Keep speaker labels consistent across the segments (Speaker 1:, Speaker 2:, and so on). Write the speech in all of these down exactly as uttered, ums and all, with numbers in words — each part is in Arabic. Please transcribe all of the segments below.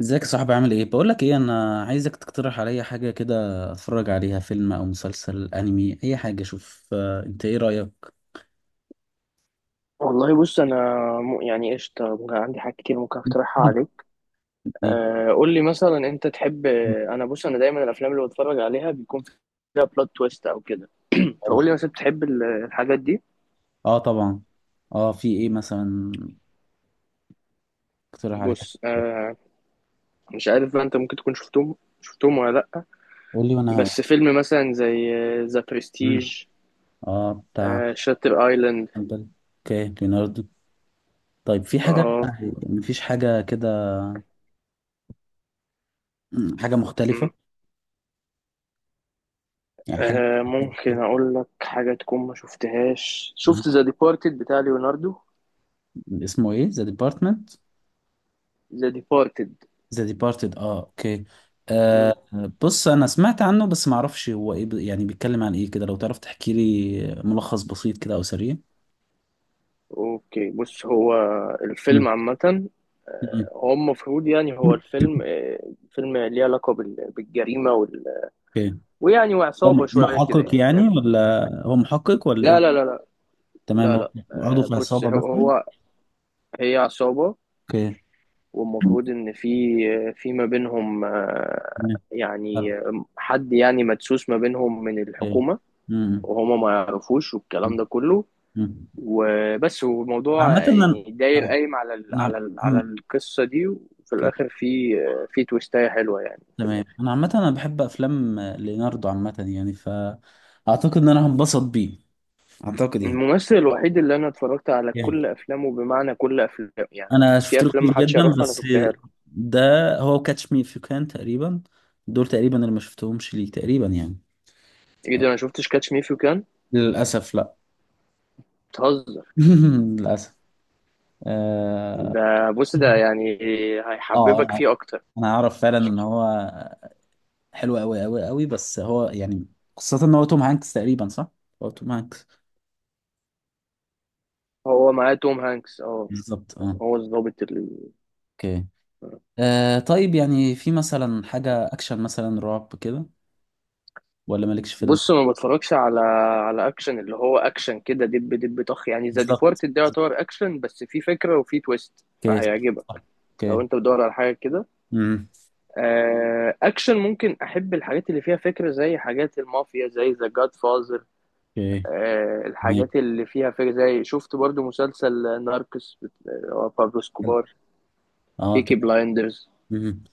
Speaker 1: ازيك يا صاحبي، عامل ايه؟ بقول لك ايه، انا عايزك تقترح عليا حاجه كده، اتفرج عليها، فيلم او مسلسل انمي، اي حاجه. شوف، آه، انت ايه رايك؟
Speaker 2: والله بص انا م- يعني قشطه، ممكن عندي حاجات كتير ممكن اقترحها عليك.
Speaker 1: ايه؟
Speaker 2: آه، قول لي مثلا انت تحب. انا بص انا دايما الافلام اللي بتفرج عليها بيكون فيها بلوت تويست او كده،
Speaker 1: عايز-
Speaker 2: فقول لي مثلا بتحب ال- الحاجات دي.
Speaker 1: اه طبعا. اه في ايه مثلا؟ اقترح عليا.
Speaker 2: بص، آه، مش عارف بقى انت ممكن تكون شفتهم شفتهم ولا لا.
Speaker 1: قول لي وانا هقول.
Speaker 2: بس فيلم مثلا زي ذا
Speaker 1: مم.
Speaker 2: برستيج،
Speaker 1: اه بتاع.
Speaker 2: شاتر ايلاند.
Speaker 1: بل- اوكي ليوناردو. طيب في حاجه
Speaker 2: اه،
Speaker 1: يعني؟ مفيش حاجه كده؟ مم، حاجه مختلفه.
Speaker 2: م.
Speaker 1: يعني حاجه.
Speaker 2: آه، ممكن اقول لك حاجه تكون ما شفتهاش،
Speaker 1: مم.
Speaker 2: شفت ذا ديبارتد بتاع ليوناردو.
Speaker 1: اسمه ايه، ذا ديبارتمنت؟
Speaker 2: ذا ديبارتد.
Speaker 1: ذا ديبارتد، اه اوكي. مم. آه. بص انا سمعت عنه، بس ما اعرفش هو ايه، ب- يعني بيتكلم عن ايه كده. لو تعرف تحكي لي ملخص بسيط كده او سريع.
Speaker 2: اوكي، بص، هو
Speaker 1: مم.
Speaker 2: الفيلم عامة
Speaker 1: مم.
Speaker 2: آه، هو المفروض يعني هو الفيلم آه، فيلم ليه علاقة بال- بالجريمة وال...
Speaker 1: اوكي.
Speaker 2: ويعني
Speaker 1: هو
Speaker 2: وعصابة
Speaker 1: م-
Speaker 2: شوية كده،
Speaker 1: محقق
Speaker 2: يعني
Speaker 1: يعني،
Speaker 2: فاهم.
Speaker 1: ولا هو محقق ولا ايه؟
Speaker 2: لا لا مم. لا لا
Speaker 1: تمام،
Speaker 2: لا
Speaker 1: هو
Speaker 2: لا
Speaker 1: عضو
Speaker 2: آه،
Speaker 1: في
Speaker 2: بص
Speaker 1: عصابة
Speaker 2: هو
Speaker 1: مثلا؟
Speaker 2: هو- هي عصابة،
Speaker 1: اوكي.
Speaker 2: والمفروض إن في آه، في ما بينهم آه،
Speaker 1: تمام. حلو.
Speaker 2: يعني آه، حد يعني مدسوس ما بينهم من
Speaker 1: اوكي.
Speaker 2: الحكومة،
Speaker 1: مم.
Speaker 2: وهما ما يعرفوش، والكلام ده كله.
Speaker 1: مم.
Speaker 2: وبس،
Speaker 1: انا
Speaker 2: والموضوع
Speaker 1: عامة انا،
Speaker 2: يعني داير
Speaker 1: آه،
Speaker 2: قايم على ال
Speaker 1: نعم.
Speaker 2: على ال على
Speaker 1: مم.
Speaker 2: القصة دي، وفي
Speaker 1: اوكي.
Speaker 2: الآخر في في تويستاية حلوة يعني في
Speaker 1: تمام،
Speaker 2: الآخر.
Speaker 1: انا عامة انا بحب افلام، آه، ليوناردو عامة يعني، فاعتقد ان انا هنبسط بيه. اعتقد يعني.
Speaker 2: الممثل الوحيد اللي أنا اتفرجت على
Speaker 1: جامد.
Speaker 2: كل أفلامه، بمعنى كل أفلام، يعني
Speaker 1: انا
Speaker 2: في
Speaker 1: شفت له
Speaker 2: أفلام
Speaker 1: كتير
Speaker 2: محدش
Speaker 1: جدا،
Speaker 2: يعرفها أنا
Speaker 1: بس
Speaker 2: شفتها له.
Speaker 1: ده هو كاتش مي اف يو كان تقريبا، دول تقريبا اللي ما شفتهمش، ليه تقريبا يعني.
Speaker 2: إيه ده، أنا شفتش كاتش مي فيو كان؟
Speaker 1: للاسف لا.
Speaker 2: بتهزر.
Speaker 1: للاسف. اه.
Speaker 2: ده بص ده يعني
Speaker 1: آه،
Speaker 2: هيحببك
Speaker 1: انا
Speaker 2: فيه أكتر.
Speaker 1: انا اعرف فعلا ان هو حلو قوي قوي قوي، بس هو يعني، خاصة ان هو توم هانكس تقريبا، صح؟ هو توم هانكس.
Speaker 2: هو معاه توم هانكس أه،
Speaker 1: بالظبط اه.
Speaker 2: هو الظابط.
Speaker 1: اوكي. آه طيب، يعني في مثلا حاجة اكشن، مثلا رعب كده؟ ولا مالكش في ال...
Speaker 2: بص ما بتفرجش على على اكشن اللي هو اكشن كده دب دب طخ، يعني ذا
Speaker 1: بالظبط.
Speaker 2: ديبارتد ده يعتبر اكشن بس فيه فكره وفيه تويست،
Speaker 1: اوكي صح، صح.
Speaker 2: فهيعجبك لو
Speaker 1: اوكي.
Speaker 2: انت بتدور على حاجه كده.
Speaker 1: امم.
Speaker 2: آه، اكشن ممكن، احب الحاجات اللي فيها فكره زي حاجات المافيا زي ذا جاد فازر.
Speaker 1: اوكي. تمام.
Speaker 2: الحاجات اللي فيها فكره، زي شفت برضو مسلسل ناركس، هو بابلو سكوبار،
Speaker 1: اه
Speaker 2: بيكي
Speaker 1: تمام.
Speaker 2: بلايندرز.
Speaker 1: مم.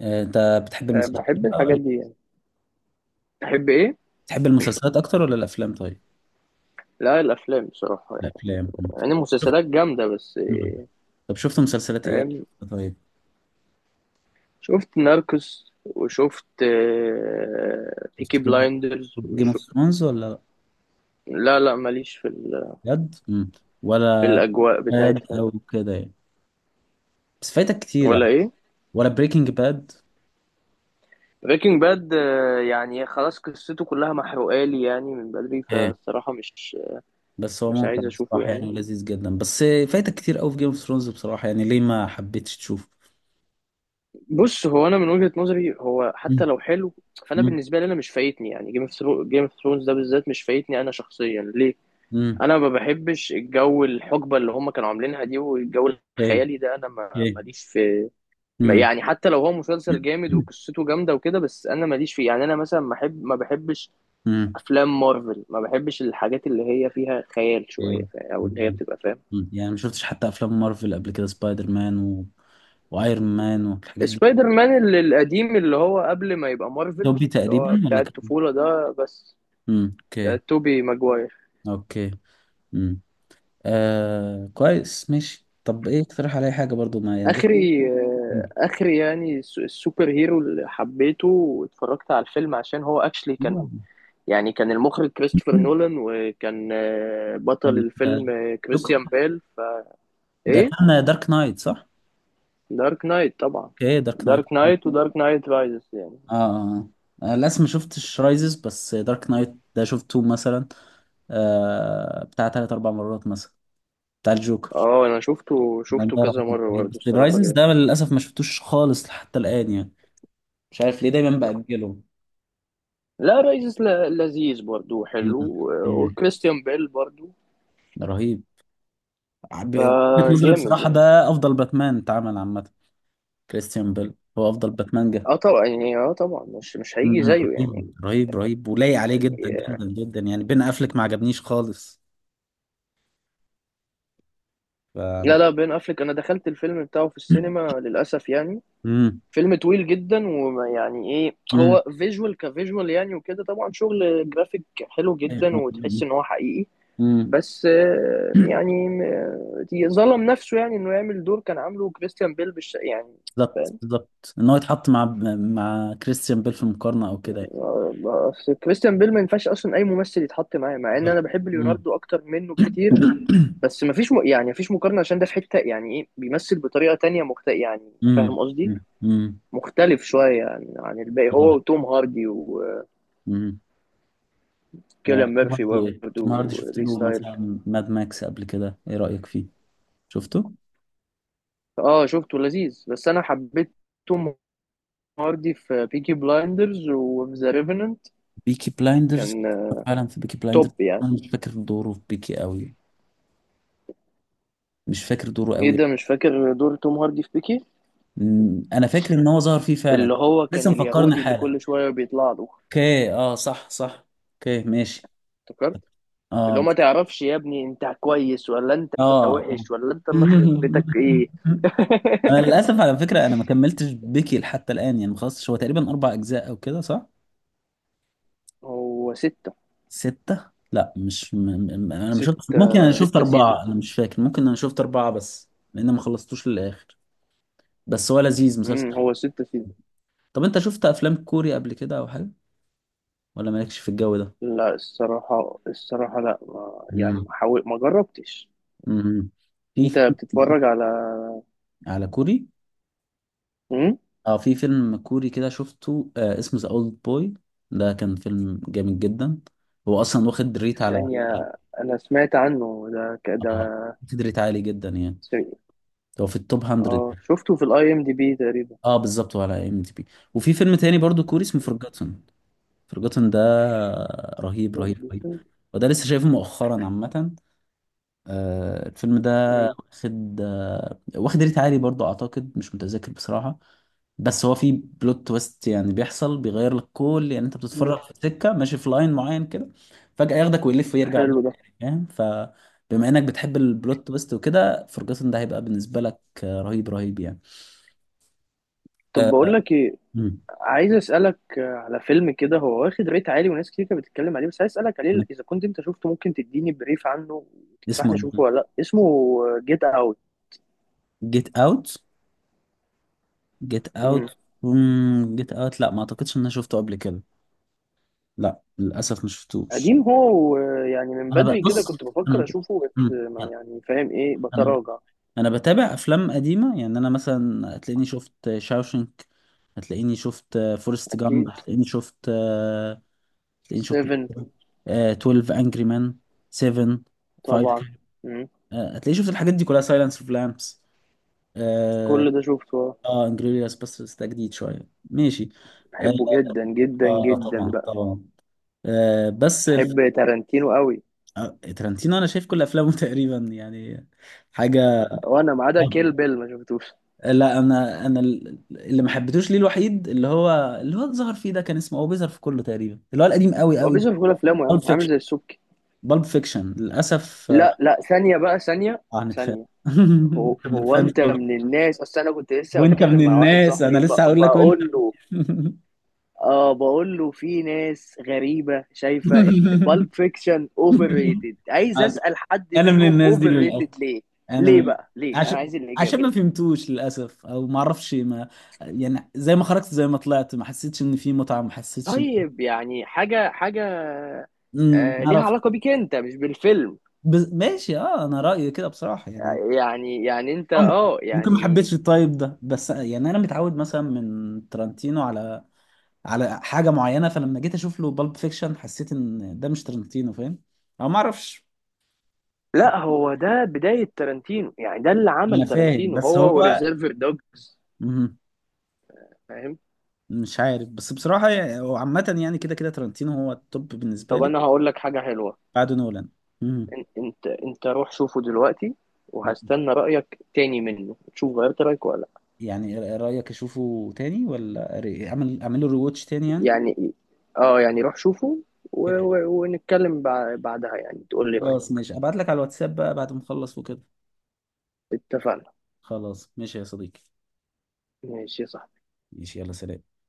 Speaker 1: آه، انت بتحب
Speaker 2: آه،
Speaker 1: المسلسلات
Speaker 2: بحب
Speaker 1: بقى
Speaker 2: الحاجات
Speaker 1: ولا-
Speaker 2: دي يعني، بحب ايه.
Speaker 1: بتحب المسلسلات اكتر ولا الافلام؟ طيب
Speaker 2: لا الافلام بصراحه، يعني
Speaker 1: الافلام. مم.
Speaker 2: يعني المسلسلات جامده بس.
Speaker 1: مم. طب شفت مسلسلات ايه؟ طيب
Speaker 2: شفت ناركوس وشفت آه،
Speaker 1: شفت
Speaker 2: بيكي
Speaker 1: جيم،
Speaker 2: بلايندرز
Speaker 1: جيم اوف
Speaker 2: وشو...
Speaker 1: ثرونز ولا لأ؟
Speaker 2: لا لا ماليش في ال...
Speaker 1: بجد؟ مم.
Speaker 2: في
Speaker 1: ولا
Speaker 2: الأجواء
Speaker 1: باد
Speaker 2: بتاعتها دي.
Speaker 1: او كده يعني؟ بس فايتك كتير
Speaker 2: ولا
Speaker 1: يعني.
Speaker 2: إيه،
Speaker 1: ولا بريكنج باد.
Speaker 2: بريكنج باد؟ يعني خلاص قصته كلها محروقة لي يعني من بدري،
Speaker 1: ايه.
Speaker 2: فالصراحة مش
Speaker 1: بس هو
Speaker 2: مش
Speaker 1: ممتع
Speaker 2: عايز أشوفه
Speaker 1: بصراحة
Speaker 2: يعني.
Speaker 1: يعني، لذيذ جدا، بس فايتك كتير قوي في جيم اوف ثرونز بصراحة يعني. ليه ما حبيتش تشوفه؟
Speaker 2: بص هو أنا من وجهة نظري هو
Speaker 1: مم.
Speaker 2: حتى لو حلو، فأنا
Speaker 1: مم.
Speaker 2: بالنسبة لي أنا مش فايتني، يعني جيم اوف جيم اوف ثرونز ده بالذات مش فايتني أنا شخصيا، ليه؟
Speaker 1: مم.
Speaker 2: أنا ما بحبش الجو، الحقبة اللي هم كانوا عاملينها دي، والجو
Speaker 1: ايه.
Speaker 2: الخيالي ده أنا ما-
Speaker 1: ايه.
Speaker 2: ماليش في
Speaker 1: مم.
Speaker 2: يعني. حتى لو هو مسلسل جامد وقصته جامده وكده، بس انا ماليش فيه يعني. انا مثلا ما بحب ما بحبش
Speaker 1: مم.
Speaker 2: افلام مارفل، ما بحبش الحاجات اللي هي فيها خيال شويه
Speaker 1: ايه.
Speaker 2: فا- او اللي هي
Speaker 1: مم.
Speaker 2: بتبقى فاهم.
Speaker 1: يعني ما شفتش حتى افلام مارفل قبل كده، سبايدر مان و... وايرون مان والحاجات دي.
Speaker 2: سبايدر مان ال- القديم، اللي هو قبل ما يبقى مارفل،
Speaker 1: توبي
Speaker 2: اللي
Speaker 1: تقريبا
Speaker 2: هو بتاع
Speaker 1: ولا كان؟
Speaker 2: الطفوله ده. بس
Speaker 1: امم اوكي.
Speaker 2: آه، توبي ماجواير.
Speaker 1: اوكي. امم. آه كويس ماشي. طب ايه، اقترح عليا حاجه برضو، ما يعني لسه.
Speaker 2: اخري، آه، اخري يعني الس- السوبر هيرو اللي حبيته واتفرجت على الفيلم عشان هو اكشلي كان يعني، كان المخرج كريستوفر
Speaker 1: مم.
Speaker 2: نولان، وكان آه، بطل الفيلم
Speaker 1: ال-
Speaker 2: آه،
Speaker 1: دوك-
Speaker 2: كريستيان بيل.
Speaker 1: ده
Speaker 2: ايه،
Speaker 1: كان دارك نايت، صح؟
Speaker 2: دارك نايت طبعا.
Speaker 1: اوكي دارك نايت
Speaker 2: دارك
Speaker 1: اه.
Speaker 2: نايت ودارك نايت رايزز يعني.
Speaker 1: اه. آه. آه، للاسف ما شفتش رايزز، بس دارك نايت ده شفته مثلا آه بتاع ثلاث اربع مرات مثلا، بتاع الجوكر،
Speaker 2: اه انا شفته
Speaker 1: لا
Speaker 2: شفته
Speaker 1: الله
Speaker 2: كذا
Speaker 1: يرحمه.
Speaker 2: مره برضه،
Speaker 1: بس
Speaker 2: الصراحه
Speaker 1: الرايزنز
Speaker 2: جامد.
Speaker 1: ده للاسف ما شفتوش خالص حتى الان يعني. مش عارف ليه دايما باجله.
Speaker 2: لا رايزز ل- لذيذ برضه وحلو
Speaker 1: مم.
Speaker 2: و- وكريستيان بيل برضه،
Speaker 1: ده رهيب. ب- وجهة نظري
Speaker 2: فجامد
Speaker 1: بصراحه
Speaker 2: يعني.
Speaker 1: ده افضل باتمان اتعمل عامه. كريستيان بيل هو افضل باتمان جه.
Speaker 2: اه طبعا يعني، اه طبعا مش مش
Speaker 1: مم.
Speaker 2: هيجي زيه
Speaker 1: رهيب
Speaker 2: يعني.
Speaker 1: رهيب رهيب، ولايق عليه جدا جدا جدا يعني. بين افلك ما عجبنيش خالص. ف،
Speaker 2: لا لا، بين افليك انا دخلت الفيلم بتاعه في السينما للاسف يعني،
Speaker 1: امم.
Speaker 2: فيلم طويل جدا، ويعني ايه
Speaker 1: امم.
Speaker 2: هو فيجوال كفيجوال يعني وكده، طبعا شغل جرافيك حلو جدا وتحس ان هو حقيقي.
Speaker 1: امم.
Speaker 2: بس آه، يعني م- ظلم نفسه يعني انه يعمل دور كان عامله كريستيان بيل بالش... يعني
Speaker 1: بالظبط
Speaker 2: فاهم.
Speaker 1: بالظبط، ان هو يتحط مع، مع كريستيان بيل في المقارنه او كده يعني.
Speaker 2: آه، آه، أصل كريستيان بيل ما ينفعش اصلا اي ممثل يتحط معاه، مع ان
Speaker 1: بالظبط.
Speaker 2: انا بحب
Speaker 1: مم.
Speaker 2: ليوناردو اكتر منه بكتير. بس ما فيش م... يعني ما فيش مقارنه، عشان ده في حته يعني ايه بيمثل بطريقه تانية مخت... يعني
Speaker 1: مم.
Speaker 2: فاهم قصدي،
Speaker 1: مم.
Speaker 2: مختلف شويه عن عن الباقي،
Speaker 1: امم.
Speaker 2: هو وتوم هاردي وكيليان
Speaker 1: آه، توم
Speaker 2: ميرفي
Speaker 1: هاردي إيه؟
Speaker 2: برضه
Speaker 1: توم هاردي شفت
Speaker 2: وريس
Speaker 1: له
Speaker 2: ستايل.
Speaker 1: مثلا ماد ماكس قبل كده، ايه رأيك فيه؟ شفته.
Speaker 2: اه شفته لذيذ، بس انا حبيت توم هاردي في بيكي بلايندرز وفي ذا ريفننت،
Speaker 1: بيكي بلايندرز.
Speaker 2: كان
Speaker 1: فعلا في بيكي بلايندرز.
Speaker 2: توب يعني.
Speaker 1: انا مش فاكر دوره في بيكي قوي، مش فاكر دوره
Speaker 2: ايه
Speaker 1: قوي.
Speaker 2: ده، مش فاكر دور توم هاردي في بيكي؟
Speaker 1: أمم، انا فاكر ان هو ظهر فيه فعلا.
Speaker 2: اللي هو
Speaker 1: لسه
Speaker 2: كان
Speaker 1: مفكرني
Speaker 2: اليهودي اللي
Speaker 1: حالا.
Speaker 2: كل شويه بيطلع له.
Speaker 1: اوكي، اه صح صح. اوكي ماشي.
Speaker 2: افتكرت، اللي هو
Speaker 1: اه.
Speaker 2: ما تعرفش يا ابني انت كويس ولا انت
Speaker 1: اه.
Speaker 2: وحش ولا انت اللي خرب بيتك، ايه.
Speaker 1: انا للاسف على فكره، انا ما كملتش بيكي حتى الان يعني، ما خلصتش. هو تقريبا اربع اجزاء او كده، صح؟
Speaker 2: هو ستة،
Speaker 1: ستة؟ لا مش م... م... انا ما شفت، ممكن انا
Speaker 2: ستة
Speaker 1: ولا شفت ست،
Speaker 2: ستة
Speaker 1: اربعة، انا
Speaker 2: سيزونز.
Speaker 1: مش فاكر. ممكن انا شفت اربعة بس لان ما خلصتوش للاخر. بس هو لذيذ مسلسل.
Speaker 2: امم، هو ستة سيزونز.
Speaker 1: طب انت شفت افلام كوري قبل كده او حاجة؟ ولا مالكش في الجو ده؟
Speaker 2: لا الصراحة، الصراحة لا، ما يعني
Speaker 1: مم.
Speaker 2: ما حاول، ما جربتش.
Speaker 1: امم. في
Speaker 2: انت
Speaker 1: فيلم
Speaker 2: بتتفرج على،
Speaker 1: على كوري.
Speaker 2: امم،
Speaker 1: اه في فيلم كوري كده شفته، آه اسمه ذا اولد بوي. ده كان فيلم جامد جدا، هو اصلا واخد ريت على...
Speaker 2: ثانية، انا سمعت عنه ده، ك- ده
Speaker 1: اه واخد ريت عالي جدا يعني،
Speaker 2: س-
Speaker 1: هو في التوب مائة.
Speaker 2: اه شفته في الاي ام دي بي تقريبا.
Speaker 1: اه بالظبط، وعلى ام دي بي. وفي فيلم تاني برضو كوري، اسمه فورجاتن، فرجوتن ده رهيب رهيب رهيب، وده لسه شايفه مؤخرا عامة، آه، الفيلم ده
Speaker 2: مم.
Speaker 1: واخد، آه، واخد ريت عالي برضو أعتقد، مش متذكر بصراحة. بس هو فيه بلوت تويست يعني، بيحصل بيغير لك كل يعني، أنت بتتفرج
Speaker 2: مم.
Speaker 1: في سكة ماشي في لاين معين كده، فجأة ياخدك ويلف ويرجع بيك
Speaker 2: حلو ده.
Speaker 1: تاني، فاهم؟ فبما إنك بتحب البلوت تويست وكده، فرجوتن ده هيبقى بالنسبة لك، آه، رهيب رهيب يعني.
Speaker 2: طب بقول لك ايه،
Speaker 1: مم.
Speaker 2: عايز اسالك على فيلم كده هو واخد ريت عالي وناس كتير كانت بتتكلم عليه، بس عايز اسالك عليه اذا كنت انت شفته ممكن تديني بريف عنه وتنصحني
Speaker 1: اسمه
Speaker 2: اشوفه ولا لا. اسمه جيت اوت.
Speaker 1: جيت اوت. جيت
Speaker 2: امم،
Speaker 1: اوت. جيت اوت، لا ما اعتقدش ان انا شفته قبل كده. لا للاسف ما شفتوش.
Speaker 2: قديم هو، ويعني من
Speaker 1: انا بقى
Speaker 2: بدري كده
Speaker 1: بص،
Speaker 2: كنت بفكر
Speaker 1: انا،
Speaker 2: اشوفه بس
Speaker 1: مم.
Speaker 2: ما يعني فاهم ايه
Speaker 1: انا،
Speaker 2: بتراجع.
Speaker 1: انا بتابع افلام قديمه يعني، انا مثلا هتلاقيني شفت شاوشنك، هتلاقيني شفت فورست جامب،
Speaker 2: اكيد
Speaker 1: هتلاقيني شفت، هتلاقيني شفت إيه؟
Speaker 2: سفن،
Speaker 1: آه، اتناشر انجري مان، سفن، خمسة.
Speaker 2: طبعا. مم.
Speaker 1: هتلاقيني شفت الحاجات دي كلها، سايلنس اوف لامبس. اه.
Speaker 2: كل ده شفته،
Speaker 1: انجريدياس، بس بس ده جديد شويه ماشي. اه،
Speaker 2: بحبه جدا جدا
Speaker 1: آه، طبعا
Speaker 2: جدا بقى.
Speaker 1: طبعا، آه، بس الف...
Speaker 2: بحب تارانتينو قوي.
Speaker 1: آه، ترنتينو انا شايف كل افلامه تقريبا يعني. حاجه.
Speaker 2: وانا ما عدا كيل بيل ما شفتوش.
Speaker 1: لا انا، انا ال- اللي ما حبيتوش، ليه الوحيد اللي هو، اللي هو ظهر فيه ده، كان اسمه، هو بيظهر في كله تقريبا، اللي هو القديم قوي
Speaker 2: هو
Speaker 1: قوي،
Speaker 2: بيظهر في كل افلامه يا
Speaker 1: بالب
Speaker 2: عم، عامل
Speaker 1: فيكشن.
Speaker 2: زي السبكي.
Speaker 1: بالب فيكشن للاسف آه.
Speaker 2: لا لا، ثانيه بقى، ثانيه،
Speaker 1: هنتخانق.
Speaker 2: ثانيه. هو
Speaker 1: أنت من
Speaker 2: هو
Speaker 1: فان Pulp-
Speaker 2: انت من
Speaker 1: Fiction.
Speaker 2: الناس، اصل انا كنت لسه
Speaker 1: وانت
Speaker 2: بتكلم
Speaker 1: من
Speaker 2: مع واحد
Speaker 1: الناس، انا
Speaker 2: صاحبي ب...
Speaker 1: لسه هقول لك وانت.
Speaker 2: بقول له، اه بقول له، في ناس غريبه شايفه ان بالب فيكشن اوفر ريتد، عايز اسال حد
Speaker 1: انا من
Speaker 2: منهم
Speaker 1: الناس دي
Speaker 2: اوفر
Speaker 1: للاسف.
Speaker 2: ريتد ليه.
Speaker 1: انا
Speaker 2: ليه
Speaker 1: م-
Speaker 2: بقى، ليه، انا
Speaker 1: عشان،
Speaker 2: عايز
Speaker 1: عشان
Speaker 2: الاجابه.
Speaker 1: ما فهمتوش للاسف، او ما اعرفش ما يعني، زي ما خرجت، زي ما طلعت، ما حسيتش ان في متعه، ما حسيتش ان...
Speaker 2: طيب يعني، حاجه حاجه
Speaker 1: أمم،
Speaker 2: آه ليها
Speaker 1: عرفت.
Speaker 2: علاقه بيك انت مش بالفيلم.
Speaker 1: بس ماشي، اه انا رايي كده بصراحه يعني.
Speaker 2: يعني يعني انت
Speaker 1: ممكن،
Speaker 2: اه
Speaker 1: ممكن ما
Speaker 2: يعني.
Speaker 1: حبيتش الطيب ده، بس يعني انا متعود مثلا من ترنتينو على، على حاجه معينه، فلما جيت اشوف له بالب فيكشن حسيت ان ده مش ترنتينو، فاهم؟ او ما اعرفش.
Speaker 2: لا، هو ده بداية تارانتينو، يعني ده اللي عمل
Speaker 1: انا فاهم
Speaker 2: تارانتينو،
Speaker 1: بس
Speaker 2: هو
Speaker 1: هو
Speaker 2: وريزيرفر دوجز.
Speaker 1: مهم.
Speaker 2: فاهم.
Speaker 1: مش عارف بس بصراحه يعني، هو عامه يعني كده كده ترنتينو هو التوب بالنسبه
Speaker 2: طب
Speaker 1: لي
Speaker 2: انا هقول لك حاجة حلوة،
Speaker 1: بعد نولان. مم.
Speaker 2: إن- انت انت روح شوفه دلوقتي،
Speaker 1: مم.
Speaker 2: وهستنى رأيك تاني منه تشوف غيرت رأيك ولا لا.
Speaker 1: يعني رأيك اشوفه تاني، ولا ري- اعمل، اعمل له ريواتش تاني يعني؟
Speaker 2: يعني اه يعني روح شوفه، و... و... ونتكلم بع- بعدها، يعني تقول لي رأيك.
Speaker 1: خلاص ماشي، ابعت لك على الواتساب بقى بعد ما اخلص وكده.
Speaker 2: اتفقنا.
Speaker 1: خلاص ماشي يا صديقي.
Speaker 2: ماشي، صح.
Speaker 1: ماشي يلا سلام.